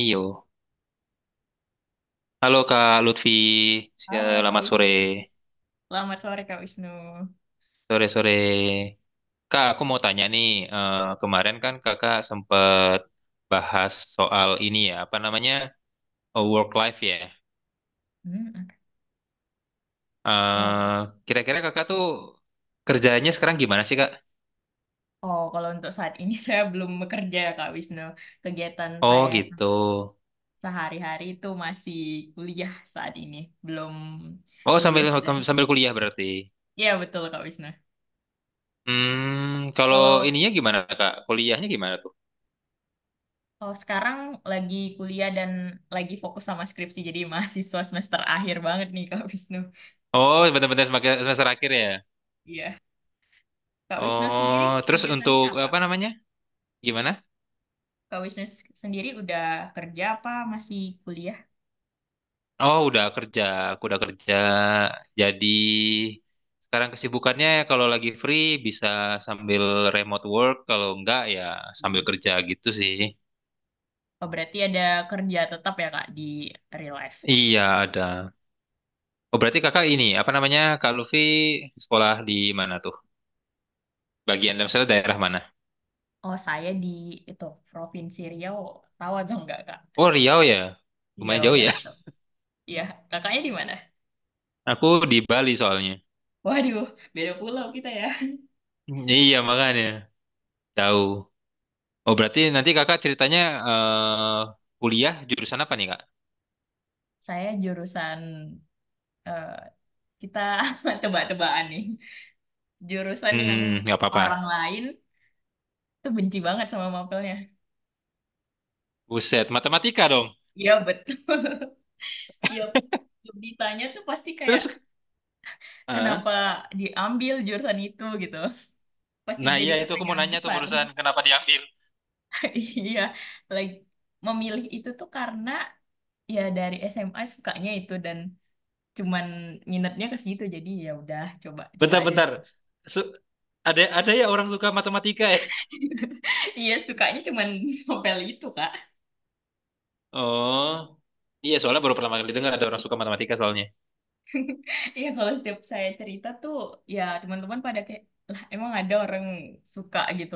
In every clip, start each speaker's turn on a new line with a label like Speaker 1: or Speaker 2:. Speaker 1: Iyo. Halo Kak Lutfi, ya,
Speaker 2: Halo Kak
Speaker 1: selamat sore.
Speaker 2: Wisnu. Selamat sore Kak Wisnu.
Speaker 1: Sore-sore. Kak, aku mau tanya nih, kemarin kan kakak sempat bahas soal ini ya, apa namanya, work life ya.
Speaker 2: Hmm, oke. Oh,
Speaker 1: Eh, Kira-kira kakak tuh kerjanya sekarang gimana sih Kak?
Speaker 2: oh, kalau untuk saat ini saya belum bekerja Kak Wisnu. Kegiatan
Speaker 1: Oh
Speaker 2: saya
Speaker 1: gitu.
Speaker 2: sehari-hari itu masih kuliah saat ini, belum
Speaker 1: Oh sambil
Speaker 2: lulus dan
Speaker 1: sambil kuliah berarti.
Speaker 2: ya betul Kak Wisnu.
Speaker 1: Hmm, kalau
Speaker 2: Kalau
Speaker 1: ininya gimana Kak? Kuliahnya gimana tuh?
Speaker 2: kalau sekarang lagi kuliah dan lagi fokus sama skripsi, jadi mahasiswa semester akhir banget nih Kak Wisnu.
Speaker 1: Oh, benar-benar semester semester akhir ya.
Speaker 2: Iya. Kak Wisnu sendiri
Speaker 1: Oh, terus untuk
Speaker 2: kegiatannya apa?
Speaker 1: apa namanya? Gimana?
Speaker 2: Kak Wisnu sendiri udah kerja apa masih kuliah?
Speaker 1: Oh, udah kerja, aku udah kerja. Jadi sekarang kesibukannya ya kalau lagi free bisa sambil remote work, kalau enggak ya sambil kerja gitu sih.
Speaker 2: Oh, berarti ada kerja tetap ya, Kak, di real life.
Speaker 1: Iya, ada. Oh, berarti kakak ini, apa namanya, Kak Luffy sekolah di mana tuh? Bagian misalnya daerah mana?
Speaker 2: Oh, saya di itu Provinsi Riau. Tahu atau enggak, Kak?
Speaker 1: Oh, Riau ya. Lumayan
Speaker 2: Riau,
Speaker 1: jauh
Speaker 2: ya
Speaker 1: ya.
Speaker 2: betul. Iya, kakaknya di mana?
Speaker 1: Aku di Bali soalnya.
Speaker 2: Waduh, beda pulau kita ya.
Speaker 1: Iya, makanya tahu. Oh, berarti nanti kakak ceritanya eh, kuliah jurusan apa nih, Kak?
Speaker 2: Saya jurusan eh, kita tebak-tebakan nih. Jurusan yang
Speaker 1: Hmm, nggak apa-apa.
Speaker 2: orang lain tuh benci banget sama mapelnya.
Speaker 1: Buset, matematika dong.
Speaker 2: Iya, betul. Iya, ditanya tuh pasti kayak
Speaker 1: Terus, eh,
Speaker 2: kenapa diambil jurusan itu gitu. Pasti
Speaker 1: nah
Speaker 2: jadi
Speaker 1: iya itu aku mau
Speaker 2: pertanyaan
Speaker 1: nanya tuh
Speaker 2: besar.
Speaker 1: barusan kenapa diambil.
Speaker 2: Iya, like memilih itu tuh karena ya dari SMA sukanya itu dan cuman minatnya ke situ jadi ya udah coba coba aja dulu.
Speaker 1: Bentar-bentar, Su- ada ya orang suka matematika ya?
Speaker 2: Iya, sukanya cuman novel itu, Kak.
Speaker 1: Oh, iya soalnya baru pertama kali dengar ada orang suka matematika soalnya.
Speaker 2: Iya, kalau setiap saya cerita tuh ya teman-teman pada kayak lah emang ada orang suka gitu.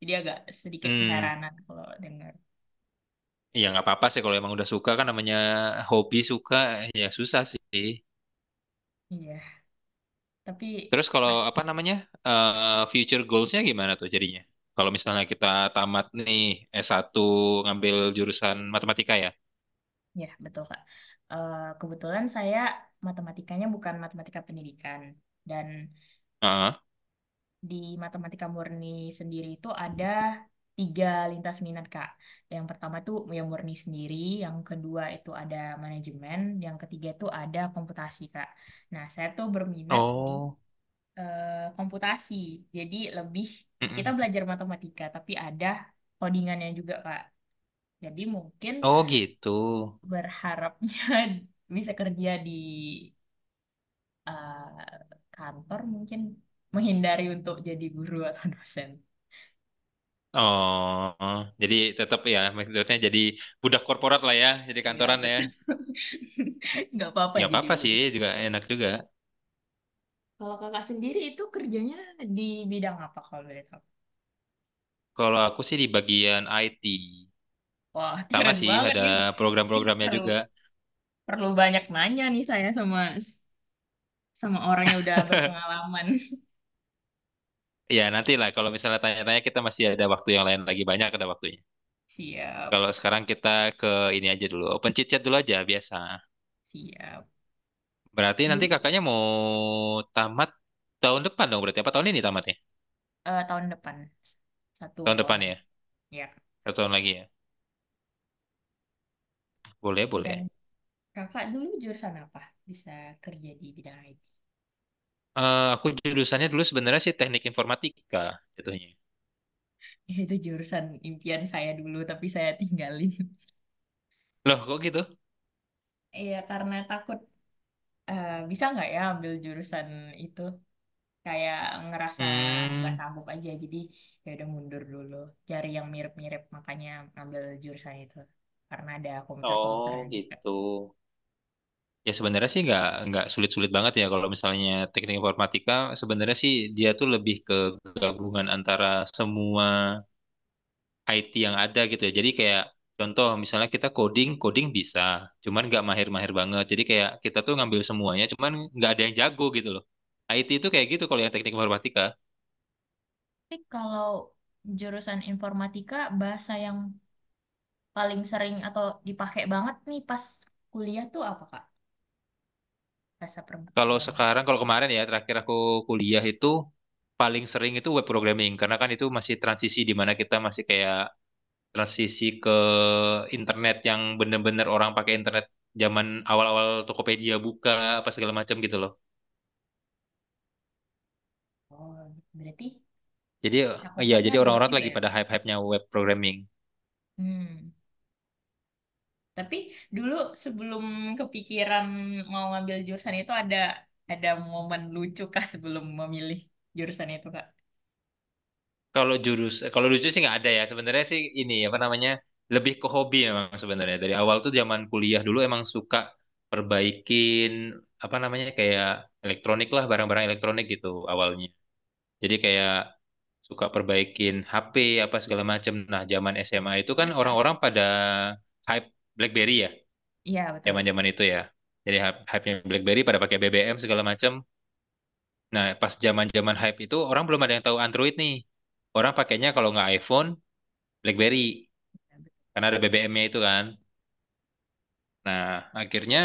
Speaker 2: Jadi agak sedikit
Speaker 1: Hmm,
Speaker 2: keheranan kalau dengar.
Speaker 1: iya nggak apa-apa sih kalau emang udah suka kan namanya hobi suka ya susah sih.
Speaker 2: Iya, tapi
Speaker 1: Terus kalau
Speaker 2: pas
Speaker 1: apa namanya future goalsnya gimana tuh jadinya? Kalau misalnya kita tamat nih satu ngambil jurusan matematika ya?
Speaker 2: ya betul, Kak. Kebetulan saya matematikanya bukan matematika pendidikan dan
Speaker 1: Heeh.
Speaker 2: di matematika murni sendiri itu ada tiga lintas minat, Kak. Yang pertama itu yang murni sendiri, yang kedua itu ada manajemen, yang ketiga itu ada komputasi, Kak. Nah, saya tuh berminat di
Speaker 1: Oh,
Speaker 2: komputasi, jadi lebih kita
Speaker 1: mm-mm.
Speaker 2: belajar matematika, tapi ada codingannya juga, Kak. Jadi mungkin
Speaker 1: Oh gitu.
Speaker 2: berharapnya bisa kerja di kantor, mungkin menghindari untuk jadi guru atau dosen.
Speaker 1: Oh, jadi tetap ya maksudnya jadi budak korporat lah ya, jadi
Speaker 2: Ya,
Speaker 1: kantoran ya.
Speaker 2: betul. Nggak apa-apa
Speaker 1: Nggak
Speaker 2: jadi
Speaker 1: apa-apa sih,
Speaker 2: muda.
Speaker 1: juga enak juga.
Speaker 2: Kalau kakak sendiri itu kerjanya di bidang apa kalau boleh tahu?
Speaker 1: Kalau aku sih di bagian IT,
Speaker 2: Wah,
Speaker 1: sama
Speaker 2: keren
Speaker 1: sih
Speaker 2: banget
Speaker 1: ada
Speaker 2: nih. Ini
Speaker 1: program-programnya
Speaker 2: perlu
Speaker 1: juga.
Speaker 2: perlu banyak nanya nih saya sama sama orang yang udah berpengalaman.
Speaker 1: Ya nanti lah kalau misalnya tanya-tanya kita masih ada waktu yang lain lagi banyak ada waktunya.
Speaker 2: Siap,
Speaker 1: Kalau sekarang kita ke ini aja dulu, open chit chat dulu aja biasa.
Speaker 2: siap.
Speaker 1: Berarti nanti
Speaker 2: Dulu
Speaker 1: kakaknya mau tamat tahun depan dong berarti apa tahun ini tamatnya?
Speaker 2: tahun depan satu
Speaker 1: Tahun
Speaker 2: tahun
Speaker 1: depan
Speaker 2: lagi.
Speaker 1: ya,
Speaker 2: Ya.
Speaker 1: atau tahun lagi ya? Boleh
Speaker 2: Dan
Speaker 1: boleh.
Speaker 2: kakak dulu jurusan apa? Bisa kerja di bidang IT.
Speaker 1: Aku jurusannya dulu sebenarnya sih teknik informatika jatuhnya.
Speaker 2: Itu jurusan impian saya dulu, tapi saya tinggalin.
Speaker 1: Loh, kok gitu?
Speaker 2: Iya, karena takut bisa nggak ya ambil jurusan itu kayak ngerasa nggak
Speaker 1: Hmm,
Speaker 2: sanggup aja jadi ya udah mundur dulu cari yang mirip-mirip makanya ambil jurusan itu karena ada
Speaker 1: oh
Speaker 2: komputer-komputernya juga.
Speaker 1: gitu, ya sebenarnya sih nggak sulit-sulit banget ya kalau misalnya teknik informatika. Sebenarnya sih dia tuh lebih ke gabungan antara semua IT yang ada gitu ya. Jadi kayak contoh misalnya kita coding, coding bisa, cuman nggak mahir-mahir banget. Jadi kayak kita tuh ngambil semuanya, cuman nggak ada yang jago gitu loh. IT itu kayak gitu kalau yang teknik informatika.
Speaker 2: Tapi kalau jurusan informatika, bahasa yang paling sering atau dipakai banget nih pas kuliah tuh apa, Kak? Bahasa
Speaker 1: Kalau
Speaker 2: pemrograman.
Speaker 1: sekarang, kalau kemarin ya, terakhir aku kuliah itu paling sering itu web programming karena kan itu masih transisi di mana kita masih kayak transisi ke internet yang bener-bener orang pakai internet zaman awal-awal Tokopedia buka apa segala macam gitu loh.
Speaker 2: Oh, berarti
Speaker 1: Jadi ya
Speaker 2: cakupannya
Speaker 1: jadi
Speaker 2: luas
Speaker 1: orang-orang tuh
Speaker 2: juga
Speaker 1: lagi
Speaker 2: ya
Speaker 1: pada
Speaker 2: Kak.
Speaker 1: hype-hypenya web programming.
Speaker 2: Hmm. Tapi dulu sebelum kepikiran mau ngambil jurusan itu ada momen lucu kah sebelum memilih jurusan itu Kak?
Speaker 1: Kalau lucu sih nggak ada ya. Sebenarnya sih ini apa namanya lebih ke hobi memang sebenarnya. Dari awal tuh zaman kuliah dulu emang suka perbaikin apa namanya kayak elektronik lah, barang-barang elektronik gitu awalnya. Jadi kayak suka perbaikin HP apa segala macam. Nah, zaman
Speaker 2: Keren
Speaker 1: SMA itu kan
Speaker 2: banget Kak.
Speaker 1: orang-orang pada hype BlackBerry ya,
Speaker 2: Iya betul.
Speaker 1: zaman-zaman itu ya. Jadi hype-nya BlackBerry pada pakai BBM segala macam. Nah, pas zaman-zaman hype itu orang belum ada yang tahu Android nih. Orang pakainya kalau nggak iPhone, BlackBerry
Speaker 2: Ya, betul
Speaker 1: karena ada BBM-nya itu kan. Nah, akhirnya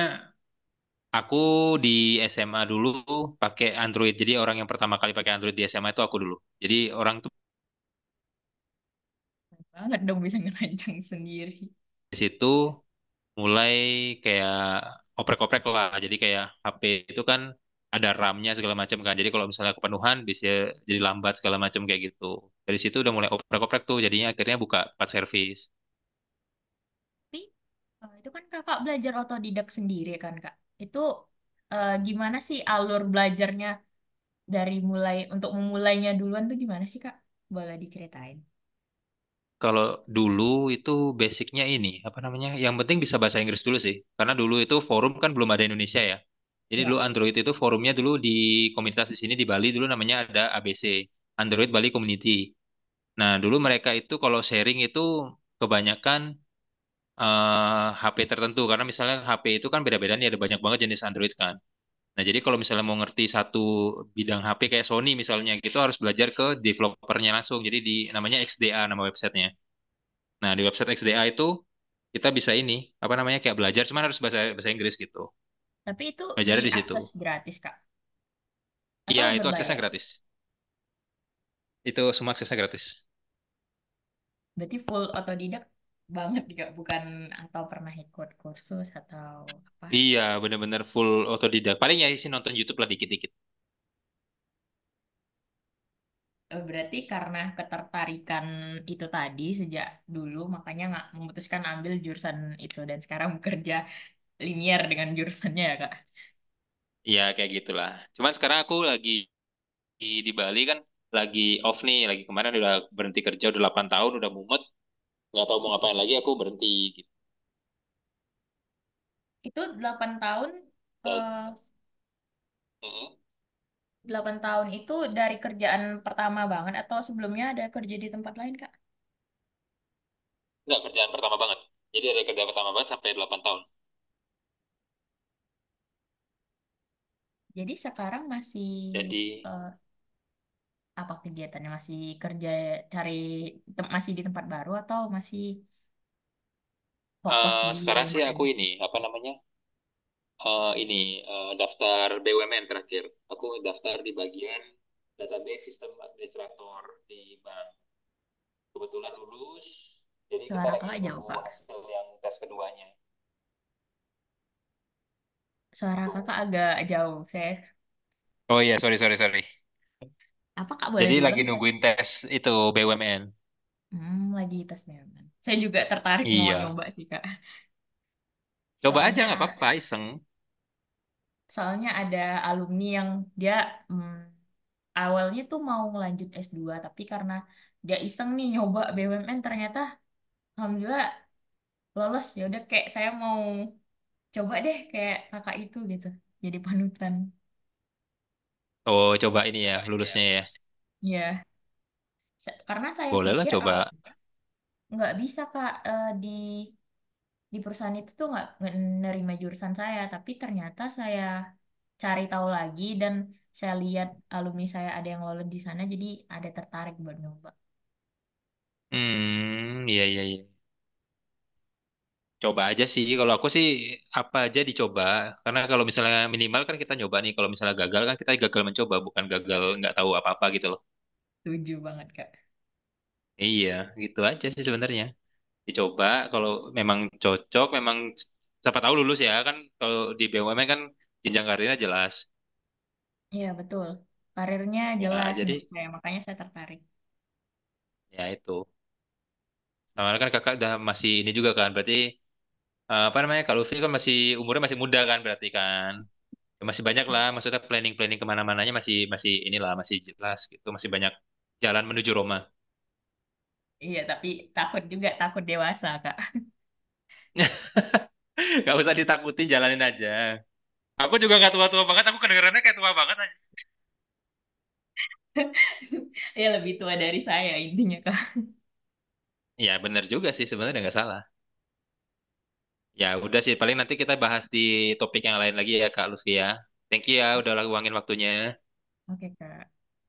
Speaker 1: aku di SMA dulu pakai Android. Jadi orang yang pertama kali pakai Android di SMA itu aku dulu. Jadi orang tuh
Speaker 2: banget dong bisa ngerancang sendiri.
Speaker 1: di situ mulai kayak oprek-oprek lah. Jadi kayak HP itu kan ada RAM-nya segala macam kan. Jadi kalau misalnya kepenuhan bisa jadi lambat segala macam kayak gitu. Dari situ udah mulai oprek-oprek tuh. Jadinya akhirnya buka part service.
Speaker 2: Tapi itu kan Kakak belajar otodidak sendiri kan Kak? Itu gimana sih alur belajarnya dari mulai untuk memulainya duluan tuh gimana sih Kak? Boleh diceritain?
Speaker 1: Kalau dulu itu basicnya ini, apa namanya? Yang penting bisa bahasa Inggris dulu sih. Karena dulu itu forum kan belum ada Indonesia ya. Jadi dulu
Speaker 2: Ya.
Speaker 1: Android itu forumnya dulu di komunitas di sini di Bali dulu namanya ada ABC, Android Bali Community. Nah, dulu mereka itu kalau sharing itu kebanyakan HP tertentu karena misalnya HP itu kan beda-beda nih ada banyak banget jenis Android kan. Nah, jadi kalau misalnya mau ngerti satu bidang HP kayak Sony misalnya gitu harus belajar ke developernya langsung. Jadi di namanya XDA nama websitenya. Nah, di website XDA itu kita bisa ini, apa namanya, kayak belajar, cuman harus bahasa bahasa Inggris gitu.
Speaker 2: Tapi itu
Speaker 1: Belajarnya di situ.
Speaker 2: diakses gratis Kak?
Speaker 1: Iya,
Speaker 2: Atau
Speaker 1: itu aksesnya
Speaker 2: berbayar?
Speaker 1: gratis. Itu semua aksesnya gratis.
Speaker 2: Berarti full otodidak banget juga, bukan atau pernah ikut kursus atau apa.
Speaker 1: Iya, bener-bener full otodidak. Paling ya isi nonton YouTube lah dikit-dikit.
Speaker 2: Berarti karena ketertarikan itu tadi sejak dulu, makanya nggak memutuskan ambil jurusan itu dan sekarang bekerja linier dengan jurusannya ya, Kak.
Speaker 1: Iya, kayak gitulah. Cuman sekarang aku lagi di Bali kan, lagi off nih, lagi kemarin udah berhenti kerja, udah 8 tahun, udah mumet, nggak tahu mau ngapain lagi, aku berhenti gitu.
Speaker 2: Itu 8 tahun,
Speaker 1: Dan,
Speaker 2: eh,
Speaker 1: mm,
Speaker 2: 8 tahun itu dari kerjaan pertama banget atau sebelumnya ada kerja di tempat lain, Kak?
Speaker 1: nggak kerjaan pertama banget. Jadi dari kerjaan pertama banget sampai 8 tahun.
Speaker 2: Jadi sekarang masih
Speaker 1: Jadi
Speaker 2: eh, apa kegiatannya? Masih kerja cari masih di tempat baru atau masih fokus di
Speaker 1: sekarang sih
Speaker 2: remote
Speaker 1: aku
Speaker 2: aja.
Speaker 1: ini, apa namanya, eh, ini daftar BUMN terakhir. Aku daftar di bagian database sistem administrator di bank. Kebetulan lulus, jadi kita
Speaker 2: Suara
Speaker 1: lagi
Speaker 2: kakak jauh,
Speaker 1: nunggu
Speaker 2: Kak.
Speaker 1: hasil yang tes keduanya
Speaker 2: Suara
Speaker 1: gitu.
Speaker 2: kakak agak jauh.
Speaker 1: Oh iya, sorry, sorry, sorry.
Speaker 2: Apa Kak boleh
Speaker 1: Jadi
Speaker 2: diulang
Speaker 1: lagi
Speaker 2: tadi?
Speaker 1: nungguin tes itu BUMN.
Speaker 2: Hmm, lagi tes memang. Saya juga tertarik mau
Speaker 1: Iya.
Speaker 2: nyoba sih, Kak.
Speaker 1: Coba aja
Speaker 2: Soalnya,
Speaker 1: nggak apa-apa,
Speaker 2: a-
Speaker 1: iseng.
Speaker 2: soalnya ada alumni yang dia hmm, awalnya tuh mau ngelanjut S2 tapi karena dia iseng nih nyoba BUMN, ternyata alhamdulillah lolos. Ya udah kayak saya mau coba deh kayak kakak itu gitu. Jadi panutan.
Speaker 1: Oh, coba ini ya, lulusnya ya.
Speaker 2: Ya, karena saya
Speaker 1: Boleh lah
Speaker 2: pikir
Speaker 1: coba.
Speaker 2: awal nggak bisa Kak. Di perusahaan itu tuh nggak nerima jurusan saya tapi ternyata saya cari tahu lagi dan saya lihat alumni saya ada yang lolos di sana jadi ada tertarik buat nyoba.
Speaker 1: Hmm, iya, iya, iya. Coba aja sih, kalau aku sih apa aja dicoba. Karena kalau misalnya minimal kan kita nyoba nih, kalau misalnya gagal kan kita gagal mencoba, bukan
Speaker 2: Ya,
Speaker 1: gagal nggak
Speaker 2: betul.
Speaker 1: tahu apa-apa gitu loh.
Speaker 2: Setuju banget, Kak.
Speaker 1: Iya, gitu aja sih sebenarnya. Dicoba, kalau memang cocok, memang siapa tahu lulus ya kan. Kalau di BUMN kan jenjang karirnya jelas.
Speaker 2: Iya betul. Karirnya
Speaker 1: Ya,
Speaker 2: jelas
Speaker 1: jadi
Speaker 2: menurut saya makanya saya tertarik.
Speaker 1: ya itu. Sama kan kakak udah masih ini juga kan, berarti apa namanya, kalau Lutfi kan masih umurnya masih muda kan berarti kan. Masih banyak lah, maksudnya planning-planning kemana-mananya masih masih inilah masih jelas gitu, masih banyak jalan menuju Roma.
Speaker 2: Iya, tapi takut juga, takut dewasa, Kak.
Speaker 1: Gak usah ditakutin, jalanin aja. Aku juga nggak tua-tua banget, aku kedengerannya kayak tua banget aja.
Speaker 2: Ya lebih tua dari saya intinya, Kak.
Speaker 1: Ya bener juga sih sebenarnya nggak salah. Ya udah sih, paling nanti kita bahas di topik yang lain lagi ya Kak Lutfi ya. Thank you ya udah luangin waktunya.
Speaker 2: Oke Kak.